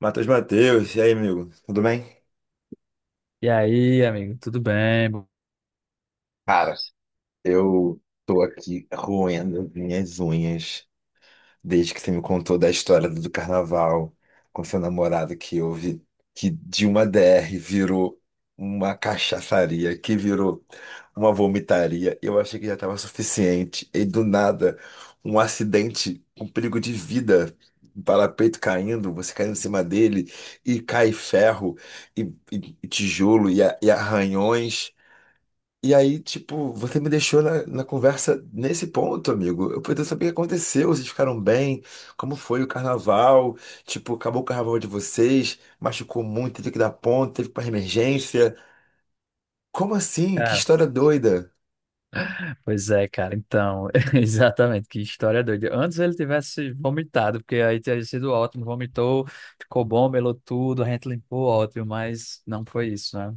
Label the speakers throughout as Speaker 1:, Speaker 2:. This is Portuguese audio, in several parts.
Speaker 1: Matheus, e aí, amigo? Tudo bem?
Speaker 2: E aí, amigo, tudo bem?
Speaker 1: Cara, eu tô aqui roendo minhas unhas desde que você me contou da história do carnaval com seu namorado que houve, que de uma DR virou uma cachaçaria, que virou uma vomitaria. Eu achei que já estava suficiente. E do nada, um acidente com perigo de vida. Um Parapeito caindo, você caindo em cima dele, e cai ferro, e, e tijolo, e arranhões. E aí, tipo, você me deixou na conversa nesse ponto, amigo. Eu poderia saber o que aconteceu, vocês ficaram bem, como foi o carnaval, tipo, acabou o carnaval de vocês, machucou muito, teve que dar ponto, teve que ir pra emergência. Como assim? Que
Speaker 2: Cara,
Speaker 1: história doida.
Speaker 2: pois é, cara, então, exatamente, que história doida. Antes ele tivesse vomitado, porque aí teria sido ótimo, vomitou, ficou bom, melou tudo, a gente limpou, ótimo, mas não foi isso, né?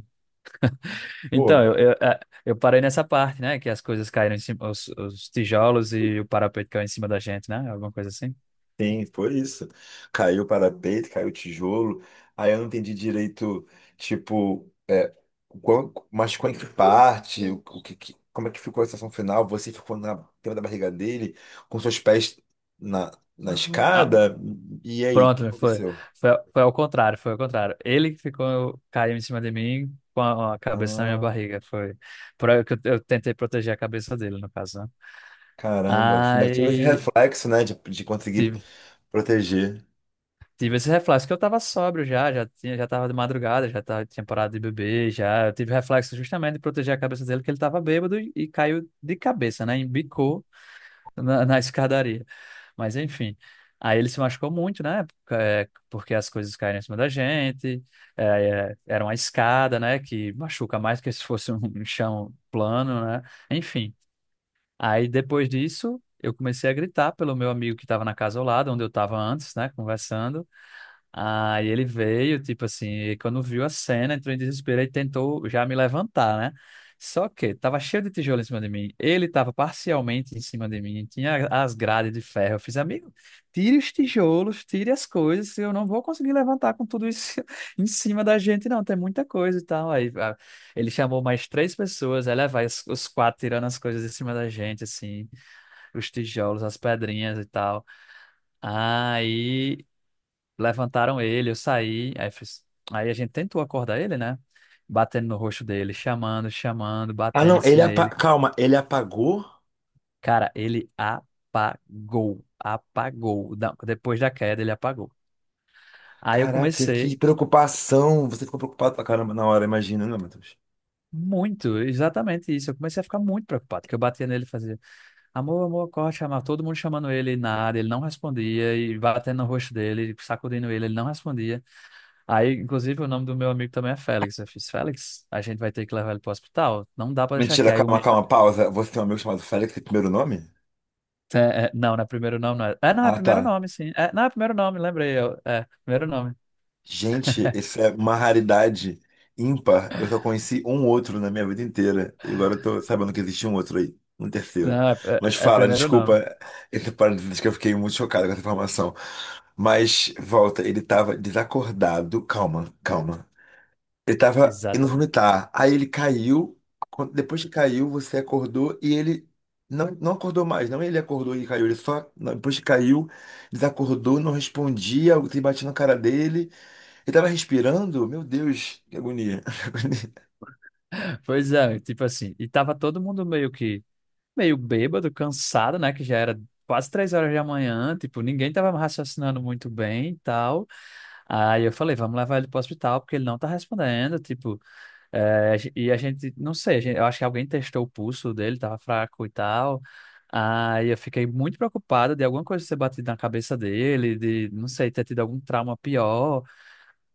Speaker 2: Então,
Speaker 1: Pô.
Speaker 2: eu eu parei nessa parte, né, que as coisas caíram em cima, os tijolos e o parapeito caiu em cima da gente, né? Alguma coisa assim.
Speaker 1: Sim, foi isso. Caiu o parapeito, caiu o tijolo. Aí eu não entendi direito, tipo, é, mas qual é que parte, como é que ficou a sensação final? Você ficou na cima da barriga dele, com seus pés na, na
Speaker 2: Ah,
Speaker 1: escada? E aí, o
Speaker 2: pronto,
Speaker 1: que
Speaker 2: né?
Speaker 1: aconteceu?
Speaker 2: Foi ao contrário, foi ao contrário. Ele que ficou, caiu em cima de mim com a cabeça na minha
Speaker 1: Ah,
Speaker 2: barriga, foi. Por aí que eu tentei proteger a cabeça dele, no caso, né?
Speaker 1: caramba, você ainda tive esse
Speaker 2: Aí
Speaker 1: reflexo, né, de conseguir
Speaker 2: tive,
Speaker 1: proteger.
Speaker 2: tive esse reflexo, que eu tava sóbrio já, já tinha, já tava de madrugada, já tava, tinha parado de beber, já. Eu tive reflexo justamente de proteger a cabeça dele, que ele tava bêbado e caiu de cabeça, né? Embicou na escadaria. Mas enfim. Aí ele se machucou muito, né? Porque as coisas caíram em cima da gente. Era uma escada, né? Que machuca mais que se fosse um chão plano, né? Enfim. Aí depois disso, eu comecei a gritar pelo meu amigo que estava na casa ao lado, onde eu estava antes, né? Conversando. Aí ele veio, tipo assim, e quando viu a cena, entrou em desespero e tentou já me levantar, né? Só que tava cheio de tijolo em cima de mim, ele tava parcialmente em cima de mim, tinha as grades de ferro. Eu fiz: amigo, tire os tijolos, tire as coisas, eu não vou conseguir levantar com tudo isso em cima da gente, não, tem muita coisa e tal. Ele chamou mais três pessoas, aí lá vai os quatro tirando as coisas de cima da gente, assim, os tijolos, as pedrinhas e tal. Aí levantaram ele, eu saí. Aí a gente tentou acordar ele, né? Batendo no rosto dele, chamando, chamando,
Speaker 1: Ah,
Speaker 2: batendo
Speaker 1: não,
Speaker 2: assim
Speaker 1: ele,
Speaker 2: nele.
Speaker 1: calma, ele apagou?
Speaker 2: Cara, ele apagou, apagou. Depois da queda, ele apagou. Aí eu
Speaker 1: Caraca, que
Speaker 2: comecei
Speaker 1: preocupação. Você ficou preocupado pra caramba na hora, imagina, né, Matheus?
Speaker 2: Muito, exatamente isso. Eu comecei a ficar muito preocupado, que eu batia nele e fazia, amor, amor, corre, chamava todo mundo chamando ele, e nada, ele não respondia, e batendo no rosto dele, sacudindo ele, ele não respondia. Aí, inclusive, o nome do meu amigo também é Félix. Eu fiz: Félix, a gente vai ter que levar ele pro hospital. Não dá pra deixar aqui.
Speaker 1: Mentira,
Speaker 2: Aí o
Speaker 1: calma,
Speaker 2: menino.
Speaker 1: calma, pausa. Você tem um amigo chamado Félix, tem primeiro nome?
Speaker 2: É, é, não, não é primeiro nome, não é. É, não, é
Speaker 1: Ah, tá.
Speaker 2: primeiro nome, sim. É, não, é primeiro nome, lembrei eu. É, primeiro nome.
Speaker 1: Gente, isso é uma raridade ímpar. Eu só conheci um outro na minha vida inteira. E agora eu tô sabendo que existe um outro aí, um terceiro.
Speaker 2: Não, é,
Speaker 1: Mas
Speaker 2: é
Speaker 1: fala,
Speaker 2: primeiro nome.
Speaker 1: desculpa esse parênteses que eu fiquei muito chocado com essa informação. Mas volta, ele tava desacordado. Calma, calma. Ele tava indo
Speaker 2: Exatamente.
Speaker 1: vomitar. Aí ele caiu. Depois que caiu, você acordou e ele não, não acordou mais. Não, ele acordou e caiu. Ele só, não, depois que caiu, desacordou, não respondia. Você batia na cara dele. Ele tava respirando. Meu Deus, que agonia. Que agonia.
Speaker 2: Pois é, tipo assim. E tava todo mundo meio que, meio bêbado, cansado, né? Que já era quase 3 horas da manhã. Tipo, ninguém tava raciocinando muito bem e tal. Aí eu falei: vamos levar ele pro hospital, porque ele não tá respondendo. Tipo. É, e a gente, não sei, eu acho que alguém testou o pulso dele, tava fraco e tal. Aí eu fiquei muito preocupada de alguma coisa ter batido na cabeça dele, de, não sei, ter tido algum trauma pior.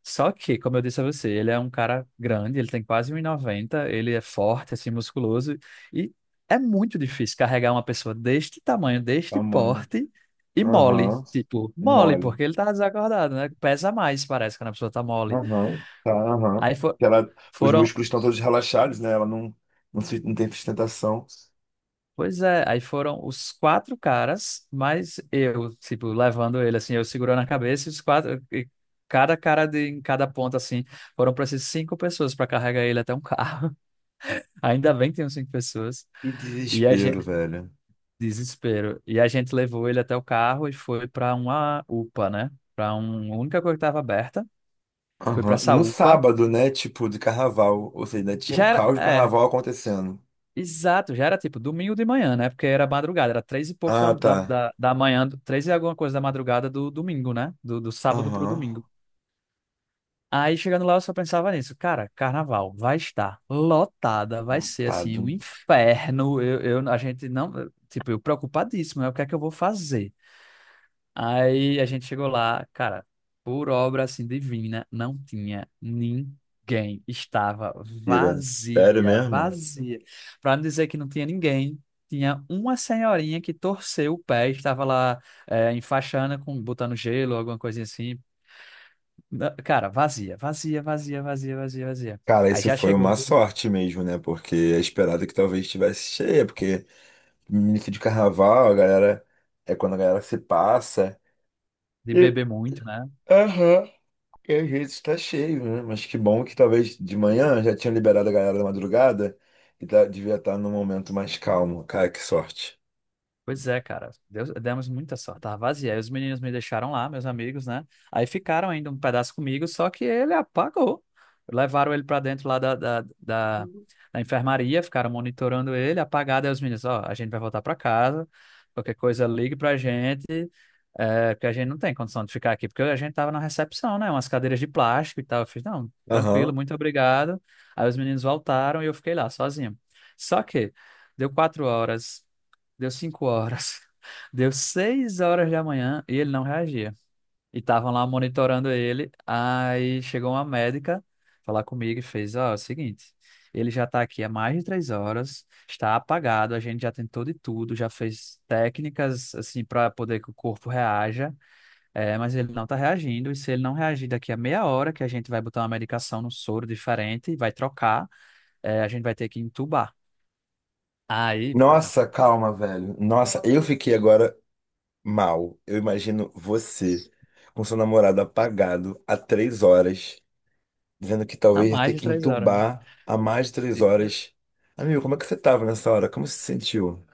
Speaker 2: Só que, como eu disse a você, ele é um cara grande, ele tem quase um 1,90, ele é forte, assim, musculoso. E é muito difícil carregar uma pessoa deste tamanho, deste
Speaker 1: Tamanho.
Speaker 2: porte e mole.
Speaker 1: Aham.
Speaker 2: Tipo, mole,
Speaker 1: Mole.
Speaker 2: porque ele tá desacordado, né? Pesa mais, parece, quando a pessoa tá mole.
Speaker 1: Aham. Tá, aham.
Speaker 2: Aí foi.
Speaker 1: Que ela, os
Speaker 2: Foram
Speaker 1: músculos estão todos relaxados, né? Ela não, não, não tem sustentação.
Speaker 2: Pois é, aí foram os quatro caras, mas eu, tipo, levando ele, assim, eu segurando a cabeça, e os quatro, e cada cara em cada ponta, assim, foram para essas cinco pessoas para carregar ele até um carro. Ainda bem que tinham cinco pessoas.
Speaker 1: Que
Speaker 2: E a
Speaker 1: desespero,
Speaker 2: gente,
Speaker 1: velho.
Speaker 2: Desespero. E a gente levou ele até o carro e foi para uma UPA, né? Para uma única coisa que estava aberta, foi para
Speaker 1: Aham.
Speaker 2: essa
Speaker 1: No
Speaker 2: UPA.
Speaker 1: sábado, né? Tipo, de carnaval. Ou seja, ainda tinha o
Speaker 2: Já era,
Speaker 1: caos do
Speaker 2: é,
Speaker 1: carnaval acontecendo.
Speaker 2: Exato, já era tipo domingo de manhã, né? Porque era madrugada, era três e pouco
Speaker 1: Ah, tá.
Speaker 2: da manhã, três e alguma coisa da madrugada do domingo, né? Do sábado pro
Speaker 1: Aham.
Speaker 2: domingo. Aí chegando lá eu só pensava nisso, cara, carnaval vai estar lotada, vai ser assim
Speaker 1: Lotado.
Speaker 2: um inferno. A gente não, tipo, eu preocupadíssimo, né? O que é que eu vou fazer? Aí a gente chegou lá, cara, por obra assim divina, não tinha ninguém. Estava
Speaker 1: Pira. Sério
Speaker 2: vazia,
Speaker 1: mesmo?
Speaker 2: vazia. Para não dizer que não tinha ninguém, tinha uma senhorinha que torceu o pé, estava lá enfaixando, com, botando gelo, alguma coisinha assim. Cara, vazia, vazia, vazia, vazia, vazia, vazia.
Speaker 1: Cara,
Speaker 2: Aí
Speaker 1: isso
Speaker 2: já
Speaker 1: foi
Speaker 2: chegou
Speaker 1: uma sorte mesmo, né? Porque é esperado que talvez estivesse cheia, porque início de carnaval, a galera. É quando a galera se passa.
Speaker 2: de
Speaker 1: E.
Speaker 2: beber muito, né?
Speaker 1: Aham. E às vezes tá cheio, né? Mas que bom que talvez de manhã já tinham liberado a galera da madrugada e devia estar num momento mais calmo. Cara, que sorte.
Speaker 2: Pois é, cara. Demos muita sorte. Tava vazia. Aí os meninos me deixaram lá, meus amigos, né? Aí ficaram ainda um pedaço comigo, só que ele apagou. Levaram ele pra dentro lá da enfermaria, ficaram monitorando ele, apagado. Aí os meninos: ó, a gente vai voltar pra casa. Qualquer coisa, ligue pra gente. É, porque a gente não tem condição de ficar aqui, porque a gente tava na recepção, né? Umas cadeiras de plástico e tal. Eu fiz: não, tranquilo,
Speaker 1: Aham.
Speaker 2: muito obrigado. Aí os meninos voltaram e eu fiquei lá sozinho. Só que deu 4 horas. Deu 5 horas. Deu 6 horas da manhã e ele não reagia. E estavam lá monitorando ele. Aí chegou uma médica falar comigo e fez: ó, é o seguinte, ele já está aqui há mais de 3 horas, está apagado, a gente já tentou de tudo, já fez técnicas assim para poder que o corpo reaja, mas ele não está reagindo. E se ele não reagir daqui a meia hora, que a gente vai botar uma medicação no soro diferente e vai trocar, a gente vai ter que entubar. Aí, cara,
Speaker 1: Nossa, calma, velho. Nossa, eu fiquei agora mal. Eu imagino você com seu namorado apagado há 3 horas, dizendo que
Speaker 2: há
Speaker 1: talvez ia
Speaker 2: mais
Speaker 1: ter
Speaker 2: de
Speaker 1: que
Speaker 2: três horas,
Speaker 1: entubar há mais de três
Speaker 2: né?
Speaker 1: horas. Amigo, como é que você tava nessa hora? Como você se sentiu?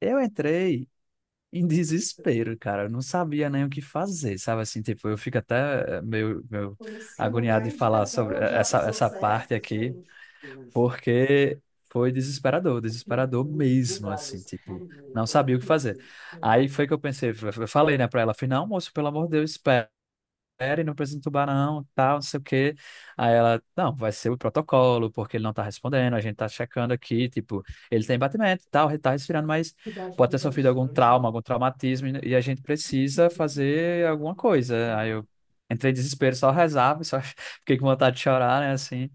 Speaker 2: Eu entrei em desespero, cara. Eu não sabia nem o que fazer, sabe? Assim, tipo, eu fico até meio, meio agoniado de falar sobre essa, essa parte aqui, porque foi desesperador, desesperador mesmo, assim, tipo, não sabia o que fazer. Aí foi que eu pensei, eu falei, né, pra ela, falei: não, moço, pelo amor de Deus, espera série, não precisa entubar não, tal, não sei o quê. Aí ela: não, vai ser o protocolo, porque ele não tá respondendo, a gente tá checando aqui, tipo, ele tem batimento, e tal, ele tá respirando, mas pode ter sofrido algum trauma, algum traumatismo, e a gente precisa fazer alguma coisa. Aí eu entrei em desespero, só rezava, só fiquei com vontade de chorar, né, assim.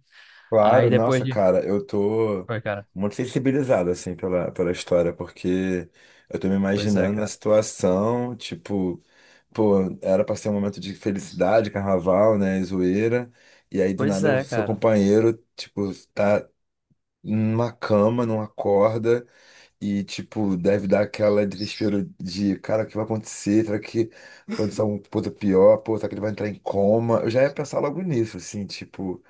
Speaker 2: Aí
Speaker 1: Claro,
Speaker 2: depois
Speaker 1: nossa,
Speaker 2: de...
Speaker 1: cara, eu tô
Speaker 2: Foi, cara.
Speaker 1: muito sensibilizado, assim, pela história, porque eu tô me
Speaker 2: Pois é,
Speaker 1: imaginando na
Speaker 2: cara.
Speaker 1: situação, tipo. Pô, era pra ser um momento de felicidade, carnaval, né, e zoeira. E aí do
Speaker 2: Pois
Speaker 1: nada o
Speaker 2: é,
Speaker 1: seu
Speaker 2: cara.
Speaker 1: companheiro, tipo, tá numa cama, não acorda e tipo, deve dar aquela desespero de, cara, o que vai acontecer? Será que vai acontecer alguma coisa pior? Pô, será que ele vai entrar em coma? Eu já ia pensar logo nisso, assim, tipo,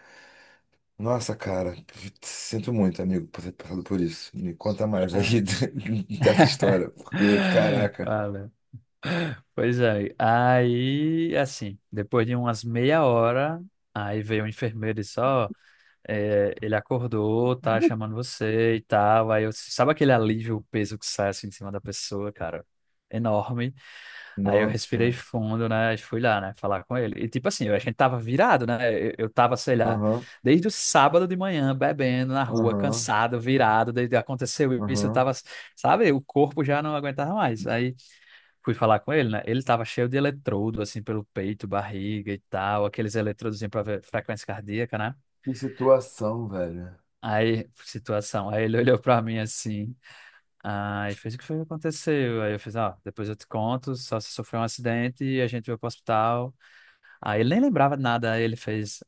Speaker 1: nossa, cara, sinto muito, amigo, por ter passado por isso. Me conta mais aí
Speaker 2: Ah,
Speaker 1: dessa história, porque, caraca,
Speaker 2: valeu. Pois é. Aí, assim, depois de umas meia hora, aí veio o enfermeiro e disse: ó, ele acordou, tá chamando você e tal. Aí eu, sabe aquele alívio, o peso que sai assim de cima da pessoa, cara? Enorme. Aí eu respirei
Speaker 1: nossa.
Speaker 2: fundo, né? E fui lá, né? Falar com ele. E tipo assim, a gente tava virado, né? Eu tava, sei lá,
Speaker 1: Aham,
Speaker 2: desde o sábado de manhã, bebendo na rua,
Speaker 1: aham,
Speaker 2: cansado, virado. Desde aconteceu isso, eu
Speaker 1: aham.
Speaker 2: tava, sabe? O corpo já não aguentava mais. Aí fui falar com ele, né? Ele tava cheio de eletrodo, assim, pelo peito, barriga e tal, aqueles eletrodos pra ver frequência cardíaca, né?
Speaker 1: Que situação, velho.
Speaker 2: Aí, situação. Aí ele olhou pra mim assim, aí fez: o que foi que aconteceu? Aí eu fiz: ó, depois eu te conto, só se sofreu um acidente e a gente veio pro hospital. Aí ele nem lembrava de nada, aí ele fez: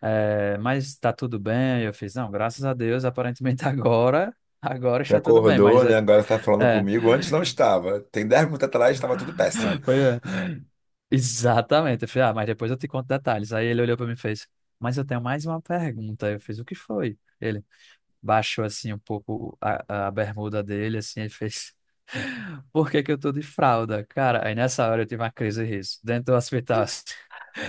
Speaker 2: mas tá tudo bem? Aí eu fiz: não, graças a Deus, aparentemente agora, agora
Speaker 1: Você
Speaker 2: está tudo bem, mas
Speaker 1: acordou, né? Agora você tá falando
Speaker 2: é,
Speaker 1: comigo. Antes não estava. Tem 10 minutos atrás estava tudo péssimo.
Speaker 2: foi, é. Exatamente. Eu falei: ah, mas depois eu te conto detalhes. Aí ele olhou para mim e fez: mas eu tenho mais uma pergunta. Aí eu fiz: o que foi? Ele baixou assim um pouco a bermuda dele, assim, ele fez: por que que eu tô de fralda? Cara, aí nessa hora eu tive uma crise de riso, dentro do hospital assim.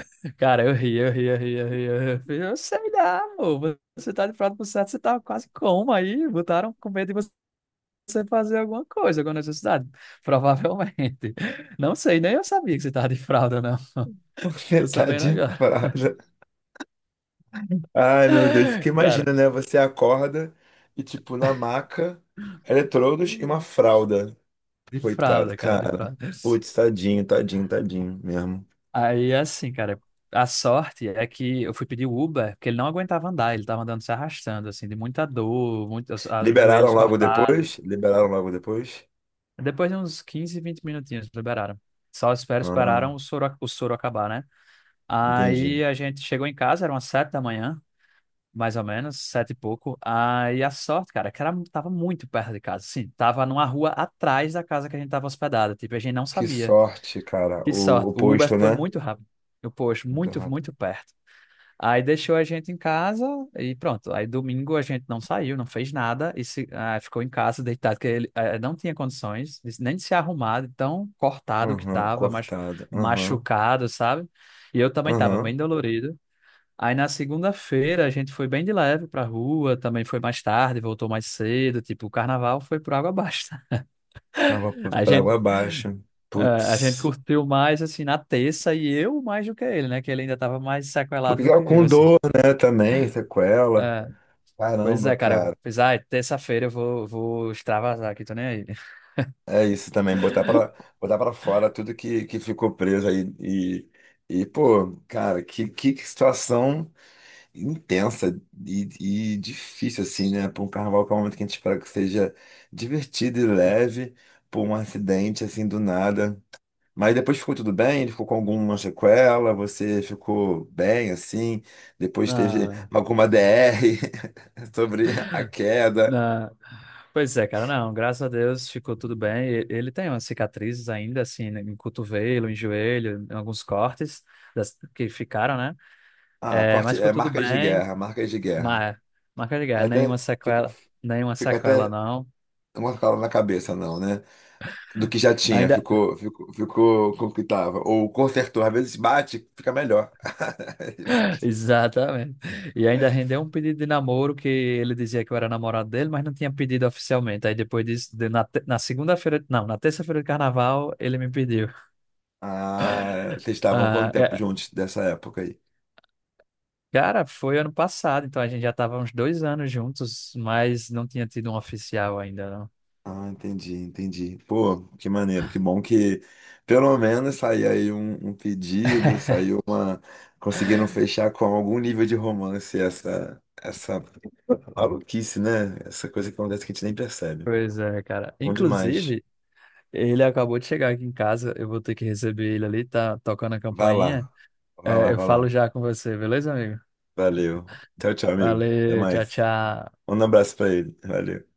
Speaker 2: Cara, eu ri, eu ri, eu ri, eu ri. Eu ri. Eu falei: eu sei lá, amor, você tá de fralda por certo, você tá quase como aí, botaram com medo de você fazer alguma coisa, alguma necessidade, provavelmente. Não sei, nem eu sabia que você tava de fralda, não.
Speaker 1: Você
Speaker 2: Tô
Speaker 1: tá
Speaker 2: sabendo
Speaker 1: de
Speaker 2: agora.
Speaker 1: parada. Ai, meu Deus. Porque
Speaker 2: Cara,
Speaker 1: imagina, né? Você acorda e, tipo, na maca, eletrodos e uma fralda.
Speaker 2: de
Speaker 1: Coitado,
Speaker 2: fralda, cara, de
Speaker 1: cara.
Speaker 2: fralda.
Speaker 1: Putz, tadinho, tadinho, tadinho mesmo.
Speaker 2: Aí, assim, cara, a sorte é que eu fui pedir o Uber, porque ele não aguentava andar, ele tava andando se arrastando, assim, de muita dor, muito, os, ah, os
Speaker 1: Liberaram
Speaker 2: joelhos
Speaker 1: logo depois?
Speaker 2: cortados.
Speaker 1: Liberaram logo depois?
Speaker 2: Depois de uns 15, 20 minutinhos, liberaram. Só espero, esperaram
Speaker 1: Ah,
Speaker 2: o soro acabar, né?
Speaker 1: entendi.
Speaker 2: Aí a gente chegou em casa, eram umas 7 da manhã, mais ou menos, 7 e pouco. Aí a sorte, cara, é que era, tava muito perto de casa, assim, tava numa rua atrás da casa que a gente tava hospedada, tipo, a gente não
Speaker 1: Que
Speaker 2: sabia.
Speaker 1: sorte, cara.
Speaker 2: Que sorte.
Speaker 1: O
Speaker 2: O Uber
Speaker 1: posto,
Speaker 2: foi
Speaker 1: né?
Speaker 2: muito rápido. Eu, poxa,
Speaker 1: Muito
Speaker 2: muito,
Speaker 1: rápido.
Speaker 2: muito perto. Aí deixou a gente em casa e pronto. Aí domingo a gente não saiu, não fez nada e se, ah, ficou em casa deitado, porque ele não tinha condições nem de se arrumar, de tão cortado que
Speaker 1: Aham,
Speaker 2: estava, mas
Speaker 1: cortado. Aham.
Speaker 2: machucado, sabe? E eu também estava
Speaker 1: Aham.
Speaker 2: bem dolorido. Aí na segunda-feira a gente foi bem de leve pra rua, também foi mais tarde, voltou mais cedo, tipo, o carnaval foi por água abaixo.
Speaker 1: Água p-
Speaker 2: A
Speaker 1: pra
Speaker 2: gente
Speaker 1: água abaixo.
Speaker 2: a gente
Speaker 1: Putz.
Speaker 2: curtiu mais, assim, na terça e eu mais do que ele, né? Que ele ainda tava mais sequelado
Speaker 1: Porque
Speaker 2: do
Speaker 1: é
Speaker 2: que eu,
Speaker 1: com
Speaker 2: assim.
Speaker 1: dor, né? Também, sequela.
Speaker 2: É, pois
Speaker 1: Caramba,
Speaker 2: é, cara. Eu
Speaker 1: cara.
Speaker 2: fiz: ai, terça-feira eu vou, vou extravasar aqui, tô nem aí.
Speaker 1: É isso também, botar pra fora tudo que ficou preso aí. E, pô, cara, que situação intensa e, e difícil, assim, né? Pra um carnaval que é um momento que a gente espera que seja divertido e leve, por um acidente, assim, do nada. Mas depois ficou tudo bem? Ele ficou com alguma sequela? Você ficou bem assim? Depois teve
Speaker 2: Não,
Speaker 1: alguma DR sobre a queda?
Speaker 2: não. Pois é, cara, não. Graças a Deus ficou tudo bem. Ele tem umas cicatrizes ainda, assim, né, em cotovelo, em joelho, em alguns cortes que ficaram, né?
Speaker 1: Ah,
Speaker 2: É,
Speaker 1: corte,
Speaker 2: mas ficou
Speaker 1: é,
Speaker 2: tudo
Speaker 1: marcas de
Speaker 2: bem.
Speaker 1: guerra, marcas de guerra.
Speaker 2: Mas, marca de
Speaker 1: É
Speaker 2: guerra,
Speaker 1: até, fica,
Speaker 2: nenhuma
Speaker 1: fica
Speaker 2: sequela,
Speaker 1: até
Speaker 2: não.
Speaker 1: uma cala na cabeça, não, né? Do que já tinha,
Speaker 2: Ainda,
Speaker 1: ficou, ficou, ficou com o que tava. Ou consertou, às vezes bate, fica melhor.
Speaker 2: exatamente. E ainda rendeu um pedido de namoro que ele dizia que eu era namorado dele, mas não tinha pedido oficialmente. Aí depois disso, na segunda-feira, não, na terça-feira de carnaval, ele me pediu.
Speaker 1: Ah, vocês estavam quanto
Speaker 2: Ah,
Speaker 1: tempo
Speaker 2: é,
Speaker 1: juntos dessa época aí?
Speaker 2: cara, foi ano passado, então a gente já estava uns 2 anos juntos, mas não tinha tido um oficial ainda, não.
Speaker 1: Ah, entendi, entendi. Pô, que maneiro, que bom que pelo menos saiu aí um pedido, saiu uma. Conseguiram fechar com algum nível de romance essa, essa maluquice, né? Essa coisa que acontece que a gente nem percebe.
Speaker 2: Pois é, cara.
Speaker 1: Bom demais.
Speaker 2: Inclusive, ele acabou de chegar aqui em casa, eu vou ter que receber ele ali, tá tocando a
Speaker 1: Vai
Speaker 2: campainha.
Speaker 1: lá,
Speaker 2: É, eu
Speaker 1: vai
Speaker 2: falo
Speaker 1: lá.
Speaker 2: já com você, beleza, amigo?
Speaker 1: Valeu. Tchau, tchau, amigo. Até
Speaker 2: Valeu, tchau,
Speaker 1: mais.
Speaker 2: tchau.
Speaker 1: Um abraço pra ele. Valeu.